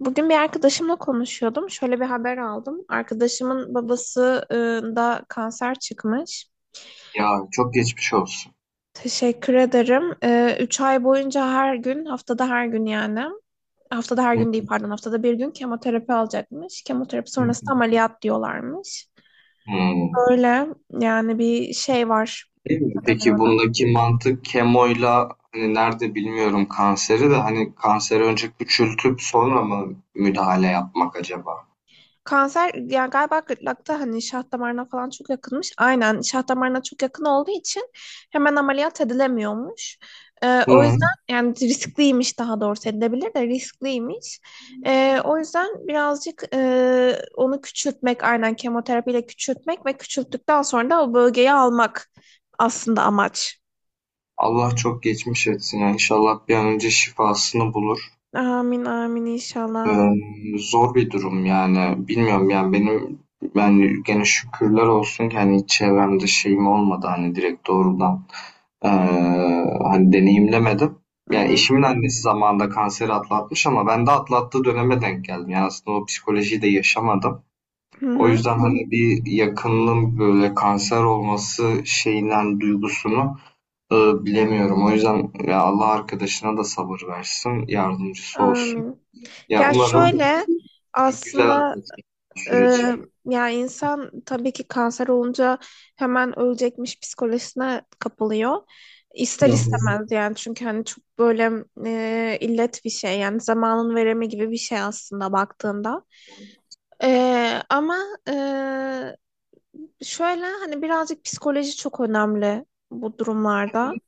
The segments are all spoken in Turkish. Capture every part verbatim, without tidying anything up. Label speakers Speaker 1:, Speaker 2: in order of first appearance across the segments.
Speaker 1: Bugün bir arkadaşımla konuşuyordum. Şöyle bir haber aldım. Arkadaşımın babası e, da kanser çıkmış.
Speaker 2: Ya, çok geçmiş olsun.
Speaker 1: Teşekkür ederim. E, üç ay boyunca her gün, haftada her gün yani. Haftada her
Speaker 2: Hı
Speaker 1: gün değil, pardon, haftada bir gün kemoterapi alacakmış. Kemoterapi sonrası da
Speaker 2: hı.
Speaker 1: ameliyat diyorlarmış.
Speaker 2: Hımm.
Speaker 1: Öyle yani, bir şey var.
Speaker 2: Değil mi?
Speaker 1: Ne denir
Speaker 2: Peki
Speaker 1: ona?
Speaker 2: bundaki mantık kemoyla, hani, nerede bilmiyorum kanseri de, hani, kanseri önce küçültüp sonra mı müdahale yapmak acaba?
Speaker 1: Kanser yani, galiba gırtlakta hani şah damarına falan çok yakınmış. Aynen şah damarına çok yakın olduğu için hemen ameliyat edilemiyormuş. Ee, o
Speaker 2: Hı.
Speaker 1: yüzden yani riskliymiş, daha doğrusu edilebilir de riskliymiş. Ee, o yüzden birazcık e, onu küçültmek, aynen kemoterapiyle küçültmek ve küçülttükten sonra da o bölgeyi almak aslında amaç.
Speaker 2: Allah çok geçmiş etsin ya. İnşallah bir an önce şifasını bulur.
Speaker 1: Amin amin inşallah.
Speaker 2: Emm, zor bir durum yani. Bilmiyorum yani benim, yani gene şükürler olsun ki, hani, hiç çevremde şeyim olmadı, hani, direkt doğrudan, Eee, hani deneyimlemedim.
Speaker 1: Hı
Speaker 2: Yani
Speaker 1: hı,
Speaker 2: eşimin annesi zamanında kanseri atlatmış ama ben de atlattığı döneme denk geldim. Yani aslında o psikolojiyi de yaşamadım.
Speaker 1: hı
Speaker 2: O
Speaker 1: hı,
Speaker 2: yüzden hani bir yakınının böyle kanser olması şeyinden duygusunu e, bilemiyorum. O yüzden ya Allah arkadaşına da sabır versin, yardımcısı olsun.
Speaker 1: amin.
Speaker 2: Ya
Speaker 1: Ya
Speaker 2: umarım
Speaker 1: şöyle
Speaker 2: güzel
Speaker 1: aslında.
Speaker 2: atlatır
Speaker 1: Ee,
Speaker 2: süreci.
Speaker 1: Yani insan tabii ki kanser olunca hemen ölecekmiş psikolojisine kapılıyor. İster
Speaker 2: Hı hı.
Speaker 1: istemez yani, çünkü hani çok böyle e, illet bir şey, yani zamanın veremi gibi bir şey aslında baktığında. Ee, ama şöyle hani birazcık psikoloji çok önemli bu durumlarda.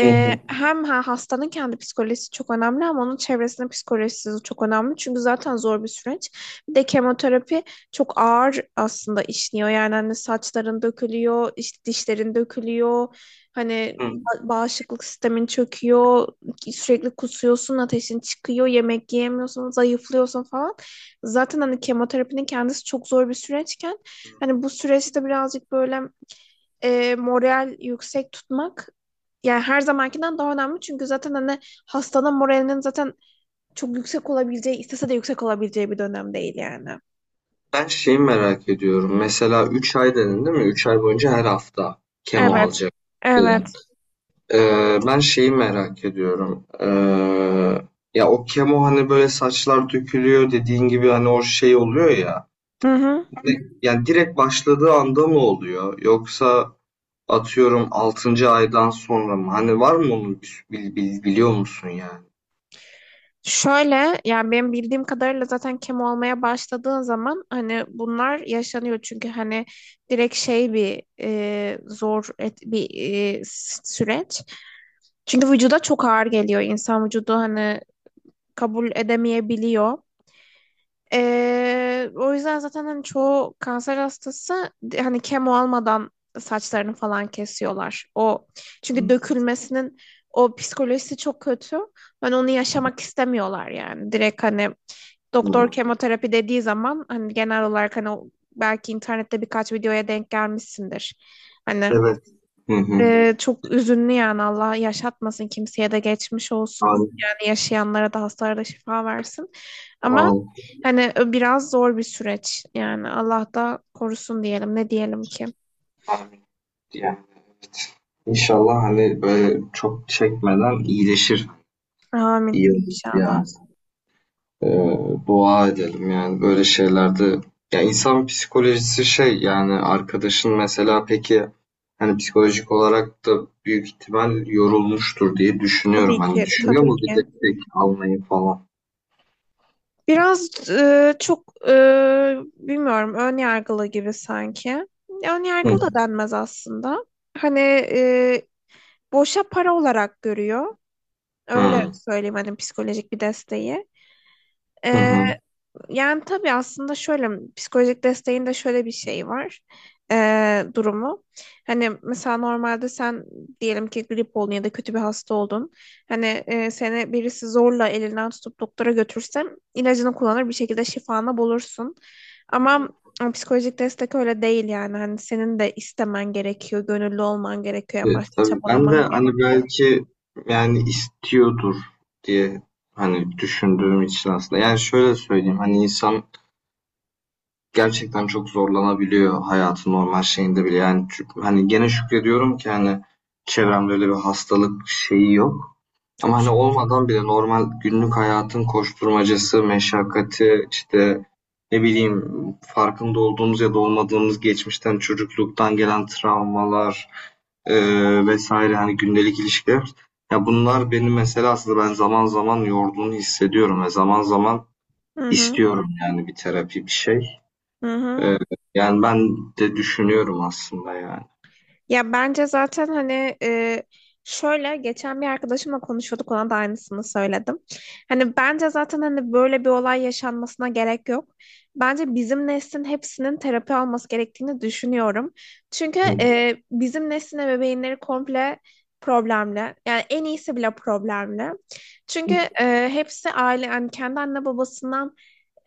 Speaker 2: Hı hı.
Speaker 1: Hem ha, hastanın kendi psikolojisi çok önemli ama onun çevresinin psikolojisi de çok önemli. Çünkü zaten zor bir süreç. Bir de kemoterapi çok ağır aslında işliyor. Yani hani saçların dökülüyor, işte dişlerin dökülüyor. Hani
Speaker 2: Hı.
Speaker 1: ba- bağışıklık sistemin çöküyor. Sürekli kusuyorsun, ateşin çıkıyor, yemek yiyemiyorsun, zayıflıyorsun falan. Zaten hani kemoterapinin kendisi çok zor bir süreçken, hani bu süreçte birazcık böyle e, moral yüksek tutmak yani her zamankinden daha önemli. Çünkü zaten hani hastanın moralinin zaten çok yüksek olabileceği, istese de yüksek olabileceği bir dönem değil yani.
Speaker 2: Ben şeyi merak ediyorum. Mesela üç ay dedin değil mi? Üç ay boyunca her hafta kemo
Speaker 1: Evet.
Speaker 2: alacak.
Speaker 1: Evet.
Speaker 2: Ee, ben şeyi merak ediyorum. Ee, ya o kemo hani böyle saçlar dökülüyor dediğin gibi hani o şey oluyor ya.
Speaker 1: Hı hı.
Speaker 2: Ne- Yani direkt başladığı anda mı oluyor? Yoksa atıyorum altıncı aydan sonra mı? Hani var mı onun bir- bil- bil- biliyor musun yani?
Speaker 1: Şöyle yani benim bildiğim kadarıyla zaten kemo olmaya başladığın zaman hani bunlar yaşanıyor, çünkü hani direkt şey bir e, zor et, bir e, s- süreç. Çünkü vücuda çok ağır geliyor. İnsan vücudu hani kabul edemeyebiliyor. Ee, o yüzden zaten hani çoğu kanser hastası hani kemo almadan saçlarını falan kesiyorlar. O, çünkü
Speaker 2: Hmm.
Speaker 1: dökülmesinin o psikolojisi çok kötü. Ben onu yaşamak istemiyorlar yani. Direkt hani doktor
Speaker 2: Hmm.
Speaker 1: kemoterapi dediği zaman hani genel olarak hani o- belki internette birkaç videoya denk gelmişsindir. Hani
Speaker 2: Evet. Hı hı.
Speaker 1: ee, çok üzünlü yani, Allah yaşatmasın kimseye, de geçmiş olsun
Speaker 2: Amin.
Speaker 1: yani, yaşayanlara da hastalara da şifa versin ama
Speaker 2: Sağ.
Speaker 1: hani biraz zor bir süreç yani, Allah da korusun diyelim, ne diyelim ki.
Speaker 2: Amin. Yani İnşallah hani böyle çok çekmeden iyileşir.
Speaker 1: Amin
Speaker 2: İyi olur yani.
Speaker 1: inşallah.
Speaker 2: Ee, dua edelim yani böyle şeylerde, ya insan psikolojisi şey yani arkadaşın mesela peki hani psikolojik olarak da büyük ihtimal yorulmuştur diye düşünüyorum.
Speaker 1: Tabii
Speaker 2: Hani
Speaker 1: ki,
Speaker 2: düşünüyor
Speaker 1: tabii
Speaker 2: mu bir
Speaker 1: ki,
Speaker 2: destek almayı falan?
Speaker 1: biraz e, çok e, bilmiyorum, ön yargılı gibi sanki. Ön
Speaker 2: Hı.
Speaker 1: yargılı da denmez aslında. Hani e, boşa para olarak görüyor. Öyle
Speaker 2: Hı.
Speaker 1: söyleyeyim hani, psikolojik bir desteği.
Speaker 2: Hı
Speaker 1: Ee,
Speaker 2: hı.
Speaker 1: Yani tabii aslında şöyle, psikolojik desteğin de şöyle bir şey var, ee, durumu. Hani mesela normalde sen diyelim ki grip oldun ya da kötü bir hasta oldun. Hani e, seni birisi zorla elinden tutup doktora götürsem, ilacını kullanır, bir şekilde şifanı bulursun. Ama e, psikolojik destek öyle değil yani. Hani senin de istemen gerekiyor, gönüllü olman gerekiyor,
Speaker 2: E,
Speaker 1: en başta
Speaker 2: tabii ben de
Speaker 1: çabalaman
Speaker 2: hani
Speaker 1: gerekiyor.
Speaker 2: belki yani istiyordur diye hani düşündüğüm için aslında. Yani şöyle söyleyeyim hani insan gerçekten çok zorlanabiliyor hayatın normal şeyinde bile. Yani çü hani gene şükrediyorum ki hani çevremde öyle bir hastalık şeyi yok. Ama
Speaker 1: Çok
Speaker 2: hani
Speaker 1: şükür.
Speaker 2: olmadan bile normal günlük hayatın koşturmacası, meşakkati, işte ne bileyim, farkında olduğumuz ya da olmadığımız geçmişten, çocukluktan gelen travmalar, eee, vesaire hani gündelik ilişkiler. Ya bunlar beni mesela aslında ben zaman zaman yorduğunu hissediyorum ve zaman zaman
Speaker 1: Hı hı.
Speaker 2: istiyorum yani bir terapi, bir şey.
Speaker 1: Hı hı.
Speaker 2: Eee, yani ben de düşünüyorum aslında yani.
Speaker 1: Ya bence zaten hani e, şöyle geçen bir arkadaşımla konuşuyorduk, ona da aynısını söyledim. Hani bence zaten hani böyle bir olay yaşanmasına gerek yok. Bence bizim neslin hepsinin terapi alması gerektiğini düşünüyorum. Çünkü
Speaker 2: Hı
Speaker 1: e, bizim neslin ebeveynleri komple problemli. Yani en iyisi bile problemli. Çünkü
Speaker 2: hı,
Speaker 1: e, hepsi aile, yani kendi anne babasından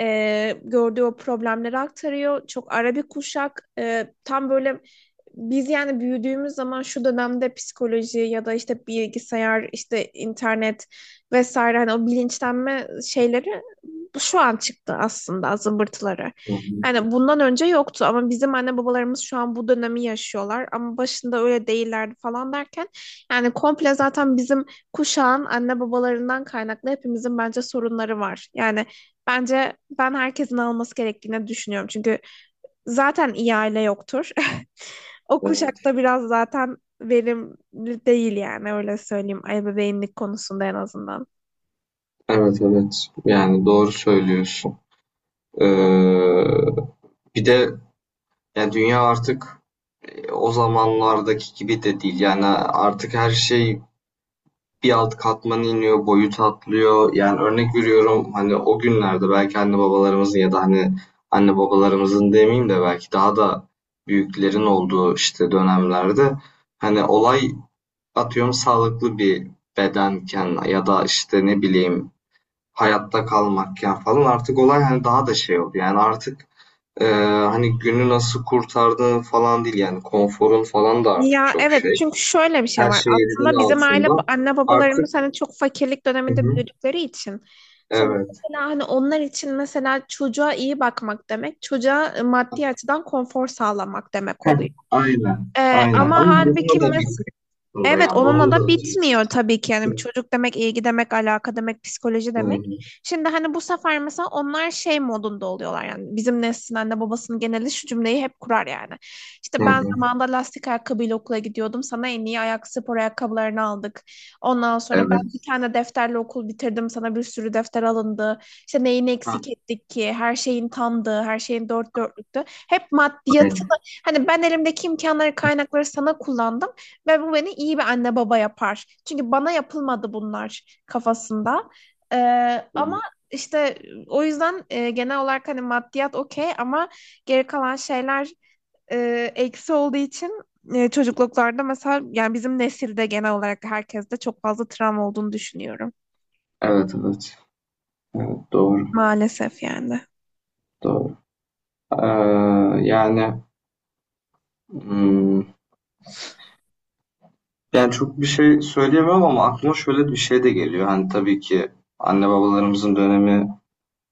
Speaker 1: e, gördüğü o problemleri aktarıyor. Çok ara bir kuşak, e, tam böyle biz yani büyüdüğümüz zaman şu dönemde psikoloji ya da işte bilgisayar, işte internet vesaire, hani o bilinçlenme şeyleri şu an çıktı aslında zımbırtıları.
Speaker 2: hı hı.
Speaker 1: Yani bundan önce yoktu ama bizim anne babalarımız şu an bu dönemi yaşıyorlar, ama başında öyle değillerdi falan derken yani komple zaten bizim kuşağın anne babalarından kaynaklı hepimizin bence sorunları var. Yani bence ben herkesin alması gerektiğini düşünüyorum. Çünkü zaten iyi aile yoktur. O
Speaker 2: Evet.
Speaker 1: kuşakta biraz zaten verimli değil yani, öyle söyleyeyim, ebeveynlik konusunda en azından.
Speaker 2: Evet evet. Yani doğru söylüyorsun. Eee, bir de yani dünya artık e, o zamanlardaki gibi de değil. Yani artık her şey bir alt katmana iniyor, boyut atlıyor. Yani örnek veriyorum hani o günlerde belki anne babalarımızın ya da hani anne babalarımızın demeyeyim de belki daha da büyüklerin olduğu işte dönemlerde hani olay atıyorum sağlıklı bir bedenken ya da işte ne bileyim hayatta kalmakken falan artık olay hani daha da şey oldu. Yani artık, e, hani günü nasıl kurtardığın falan değil yani konforun falan da artık
Speaker 1: Ya
Speaker 2: çok
Speaker 1: evet,
Speaker 2: şey.
Speaker 1: çünkü şöyle bir şey
Speaker 2: Her
Speaker 1: var.
Speaker 2: şey
Speaker 1: Aslında
Speaker 2: elinin
Speaker 1: bizim aile,
Speaker 2: altında.
Speaker 1: anne babalarımız
Speaker 2: Artık,
Speaker 1: hani çok fakirlik
Speaker 2: hı
Speaker 1: döneminde
Speaker 2: hı,
Speaker 1: büyüdükleri için. Şimdi
Speaker 2: evet.
Speaker 1: mesela hani onlar için mesela çocuğa iyi bakmak demek, çocuğa maddi açıdan konfor sağlamak demek
Speaker 2: Heh,
Speaker 1: oluyor.
Speaker 2: aynen.
Speaker 1: Ee,
Speaker 2: Aynen.
Speaker 1: ama
Speaker 2: Ama
Speaker 1: halbuki
Speaker 2: bunu da
Speaker 1: mesela.
Speaker 2: biliyorsun da
Speaker 1: Evet,
Speaker 2: yani
Speaker 1: onunla
Speaker 2: bunun da
Speaker 1: da
Speaker 2: ötesi.
Speaker 1: bitmiyor tabii ki. Yani
Speaker 2: Hı
Speaker 1: çocuk demek, ilgi demek, alaka demek, psikoloji demek.
Speaker 2: hı,
Speaker 1: Şimdi hani bu sefer mesela onlar şey modunda oluyorlar yani. Bizim neslin anne babasının geneli şu cümleyi hep kurar yani:
Speaker 2: hı
Speaker 1: İşte ben
Speaker 2: hı.
Speaker 1: zamanında lastik ayakkabıyla okula gidiyordum, sana en iyi ayak spor ayakkabılarını aldık. Ondan sonra ben bir
Speaker 2: Evet.
Speaker 1: tane defterle okul bitirdim, sana bir sürü defter alındı. İşte neyini
Speaker 2: Ha,
Speaker 1: eksik ettik ki? Her şeyin tamdı, her şeyin dört dörtlüktü. Hep maddiyatı.
Speaker 2: aynen.
Speaker 1: Hani ben elimdeki imkanları, kaynakları sana kullandım. Ve bu beni iyi bir anne baba yapar. Çünkü bana yapılmadı bunlar kafasında. Ee, ama işte o yüzden e, genel olarak hani maddiyat okey ama geri kalan şeyler e, eksi olduğu için e, çocukluklarda mesela, yani bizim nesilde genel olarak herkeste çok fazla travma olduğunu düşünüyorum.
Speaker 2: Evet evet. Doğru.
Speaker 1: Maalesef yani.
Speaker 2: Doğru. Ee, yani, hımm, yani çok bir şey söyleyemem ama aklıma şöyle bir şey de geliyor. Hani tabii ki anne babalarımızın dönemi,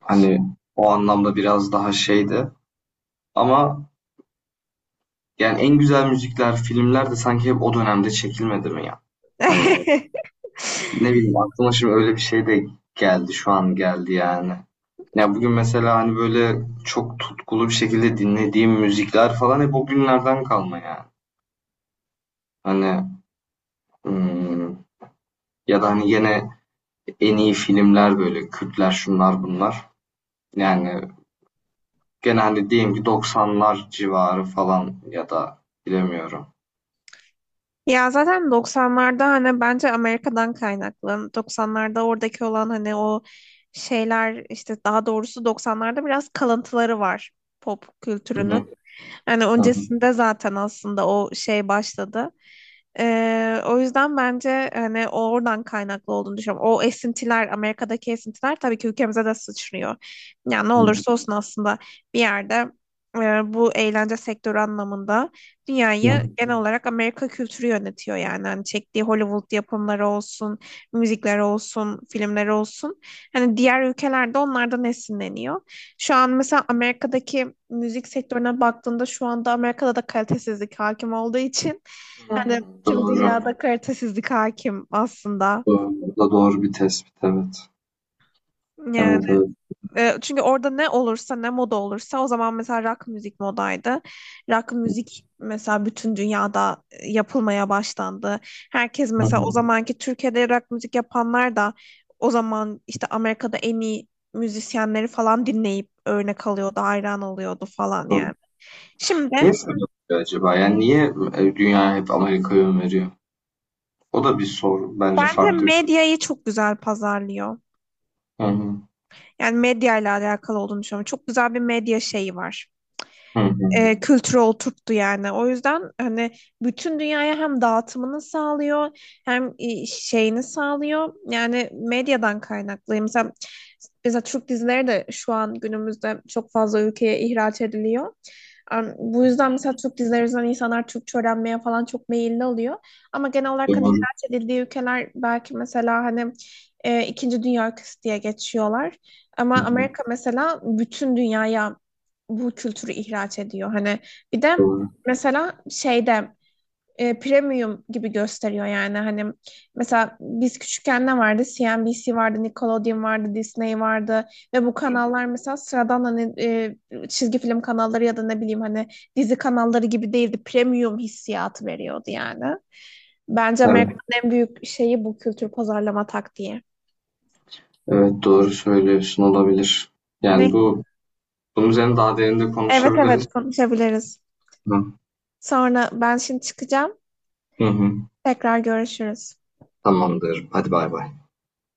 Speaker 2: hani, o anlamda biraz daha şeydi, ama yani en güzel müzikler, filmler de sanki hep o dönemde çekilmedi mi ya? Hani ne bileyim, aklıma şimdi öyle bir şey de geldi, şu an geldi yani. Ya, bugün mesela hani böyle çok tutkulu bir şekilde dinlediğim müzikler falan hep o günlerden kalma yani. Hani, ımm, ya da hani gene en iyi filmler böyle Kürtler şunlar bunlar. Yani genelde diyeyim ki doksanlar civarı falan ya da bilemiyorum.
Speaker 1: Ya zaten doksanlarda hani bence Amerika'dan kaynaklı. doksanlarda oradaki olan hani o şeyler, işte daha doğrusu doksanlarda biraz kalıntıları var pop
Speaker 2: Hı
Speaker 1: kültürünün.
Speaker 2: hı,
Speaker 1: Yani
Speaker 2: hı hı,
Speaker 1: öncesinde zaten aslında o şey başladı. Ee, o yüzden bence hani o oradan kaynaklı olduğunu düşünüyorum. O esintiler, Amerika'daki esintiler tabii ki ülkemize de sıçrıyor. Yani ne
Speaker 2: hı
Speaker 1: olursa olsun aslında bir yerde e, bu eğlence sektörü anlamında
Speaker 2: hı.
Speaker 1: dünyayı genel olarak Amerika kültürü yönetiyor yani. Hani çektiği Hollywood yapımları olsun, müzikleri olsun, filmleri olsun. Hani diğer ülkelerde onlardan esinleniyor. Şu an mesela Amerika'daki müzik sektörüne baktığında, şu anda Amerika'da da kalitesizlik hakim olduğu için
Speaker 2: Hı.
Speaker 1: hani tüm
Speaker 2: Doğru.
Speaker 1: dünyada kalitesizlik hakim aslında.
Speaker 2: Doğru. Bu da doğru bir tespit, evet.
Speaker 1: Yani
Speaker 2: Evet evet.
Speaker 1: e, çünkü orada ne olursa, ne moda olursa, o zaman mesela rock müzik modaydı. Rock müzik mesela bütün dünyada e, yapılmaya başlandı. Herkes
Speaker 2: Hı
Speaker 1: mesela, o
Speaker 2: hı.
Speaker 1: zamanki Türkiye'de rock müzik yapanlar da o zaman işte Amerika'da en iyi müzisyenleri falan dinleyip örnek alıyordu, hayran oluyordu falan
Speaker 2: Doğru.
Speaker 1: yani. Şimdi
Speaker 2: Niye böyle oluyor acaba? Yani niye e, dünya hep Amerika'ya öneriyor? O da bir soru. Bence
Speaker 1: bence
Speaker 2: farklı bir,
Speaker 1: medyayı çok güzel pazarlıyor.
Speaker 2: hı hı,
Speaker 1: Yani medya ile alakalı olduğunu düşünüyorum. Çok güzel bir medya şeyi var.
Speaker 2: hı hı.
Speaker 1: Ee, kültürü oturttu yani. O yüzden hani bütün dünyaya hem dağıtımını sağlıyor hem e, şeyini sağlıyor. Yani medyadan kaynaklı. Mesela, mesela Türk dizileri de şu an günümüzde çok fazla ülkeye ihraç ediliyor. Am, Bu yüzden mesela Türk dizileri yüzünden insanlar Türkçe öğrenmeye falan çok meyilli oluyor. Ama genel olarak hani
Speaker 2: Doğru.
Speaker 1: ihraç edildiği ülkeler belki mesela hani e, ikinci dünya ülkesi diye geçiyorlar. Ama
Speaker 2: Hı hı.
Speaker 1: Amerika mesela bütün dünyaya bu kültürü ihraç ediyor. Hani bir de
Speaker 2: Doğru.
Speaker 1: mesela şeyde e, premium gibi gösteriyor yani, hani mesela biz küçükken ne vardı? C N B C vardı, Nickelodeon vardı, Disney vardı ve bu kanallar mesela sıradan hani e, çizgi film kanalları ya da ne bileyim hani dizi kanalları gibi değildi. Premium hissiyatı veriyordu yani. Bence
Speaker 2: Evet,
Speaker 1: Amerika'nın en büyük şeyi bu kültür pazarlama taktiği.
Speaker 2: evet doğru söylüyorsun olabilir. Yani
Speaker 1: Ne?
Speaker 2: bu, bunun üzerine daha derinde
Speaker 1: Evet
Speaker 2: konuşabiliriz.
Speaker 1: evet, konuşabiliriz.
Speaker 2: Hı.
Speaker 1: Sonra ben şimdi çıkacağım.
Speaker 2: Hı.
Speaker 1: Tekrar görüşürüz.
Speaker 2: Tamamdır. Hadi bay bay.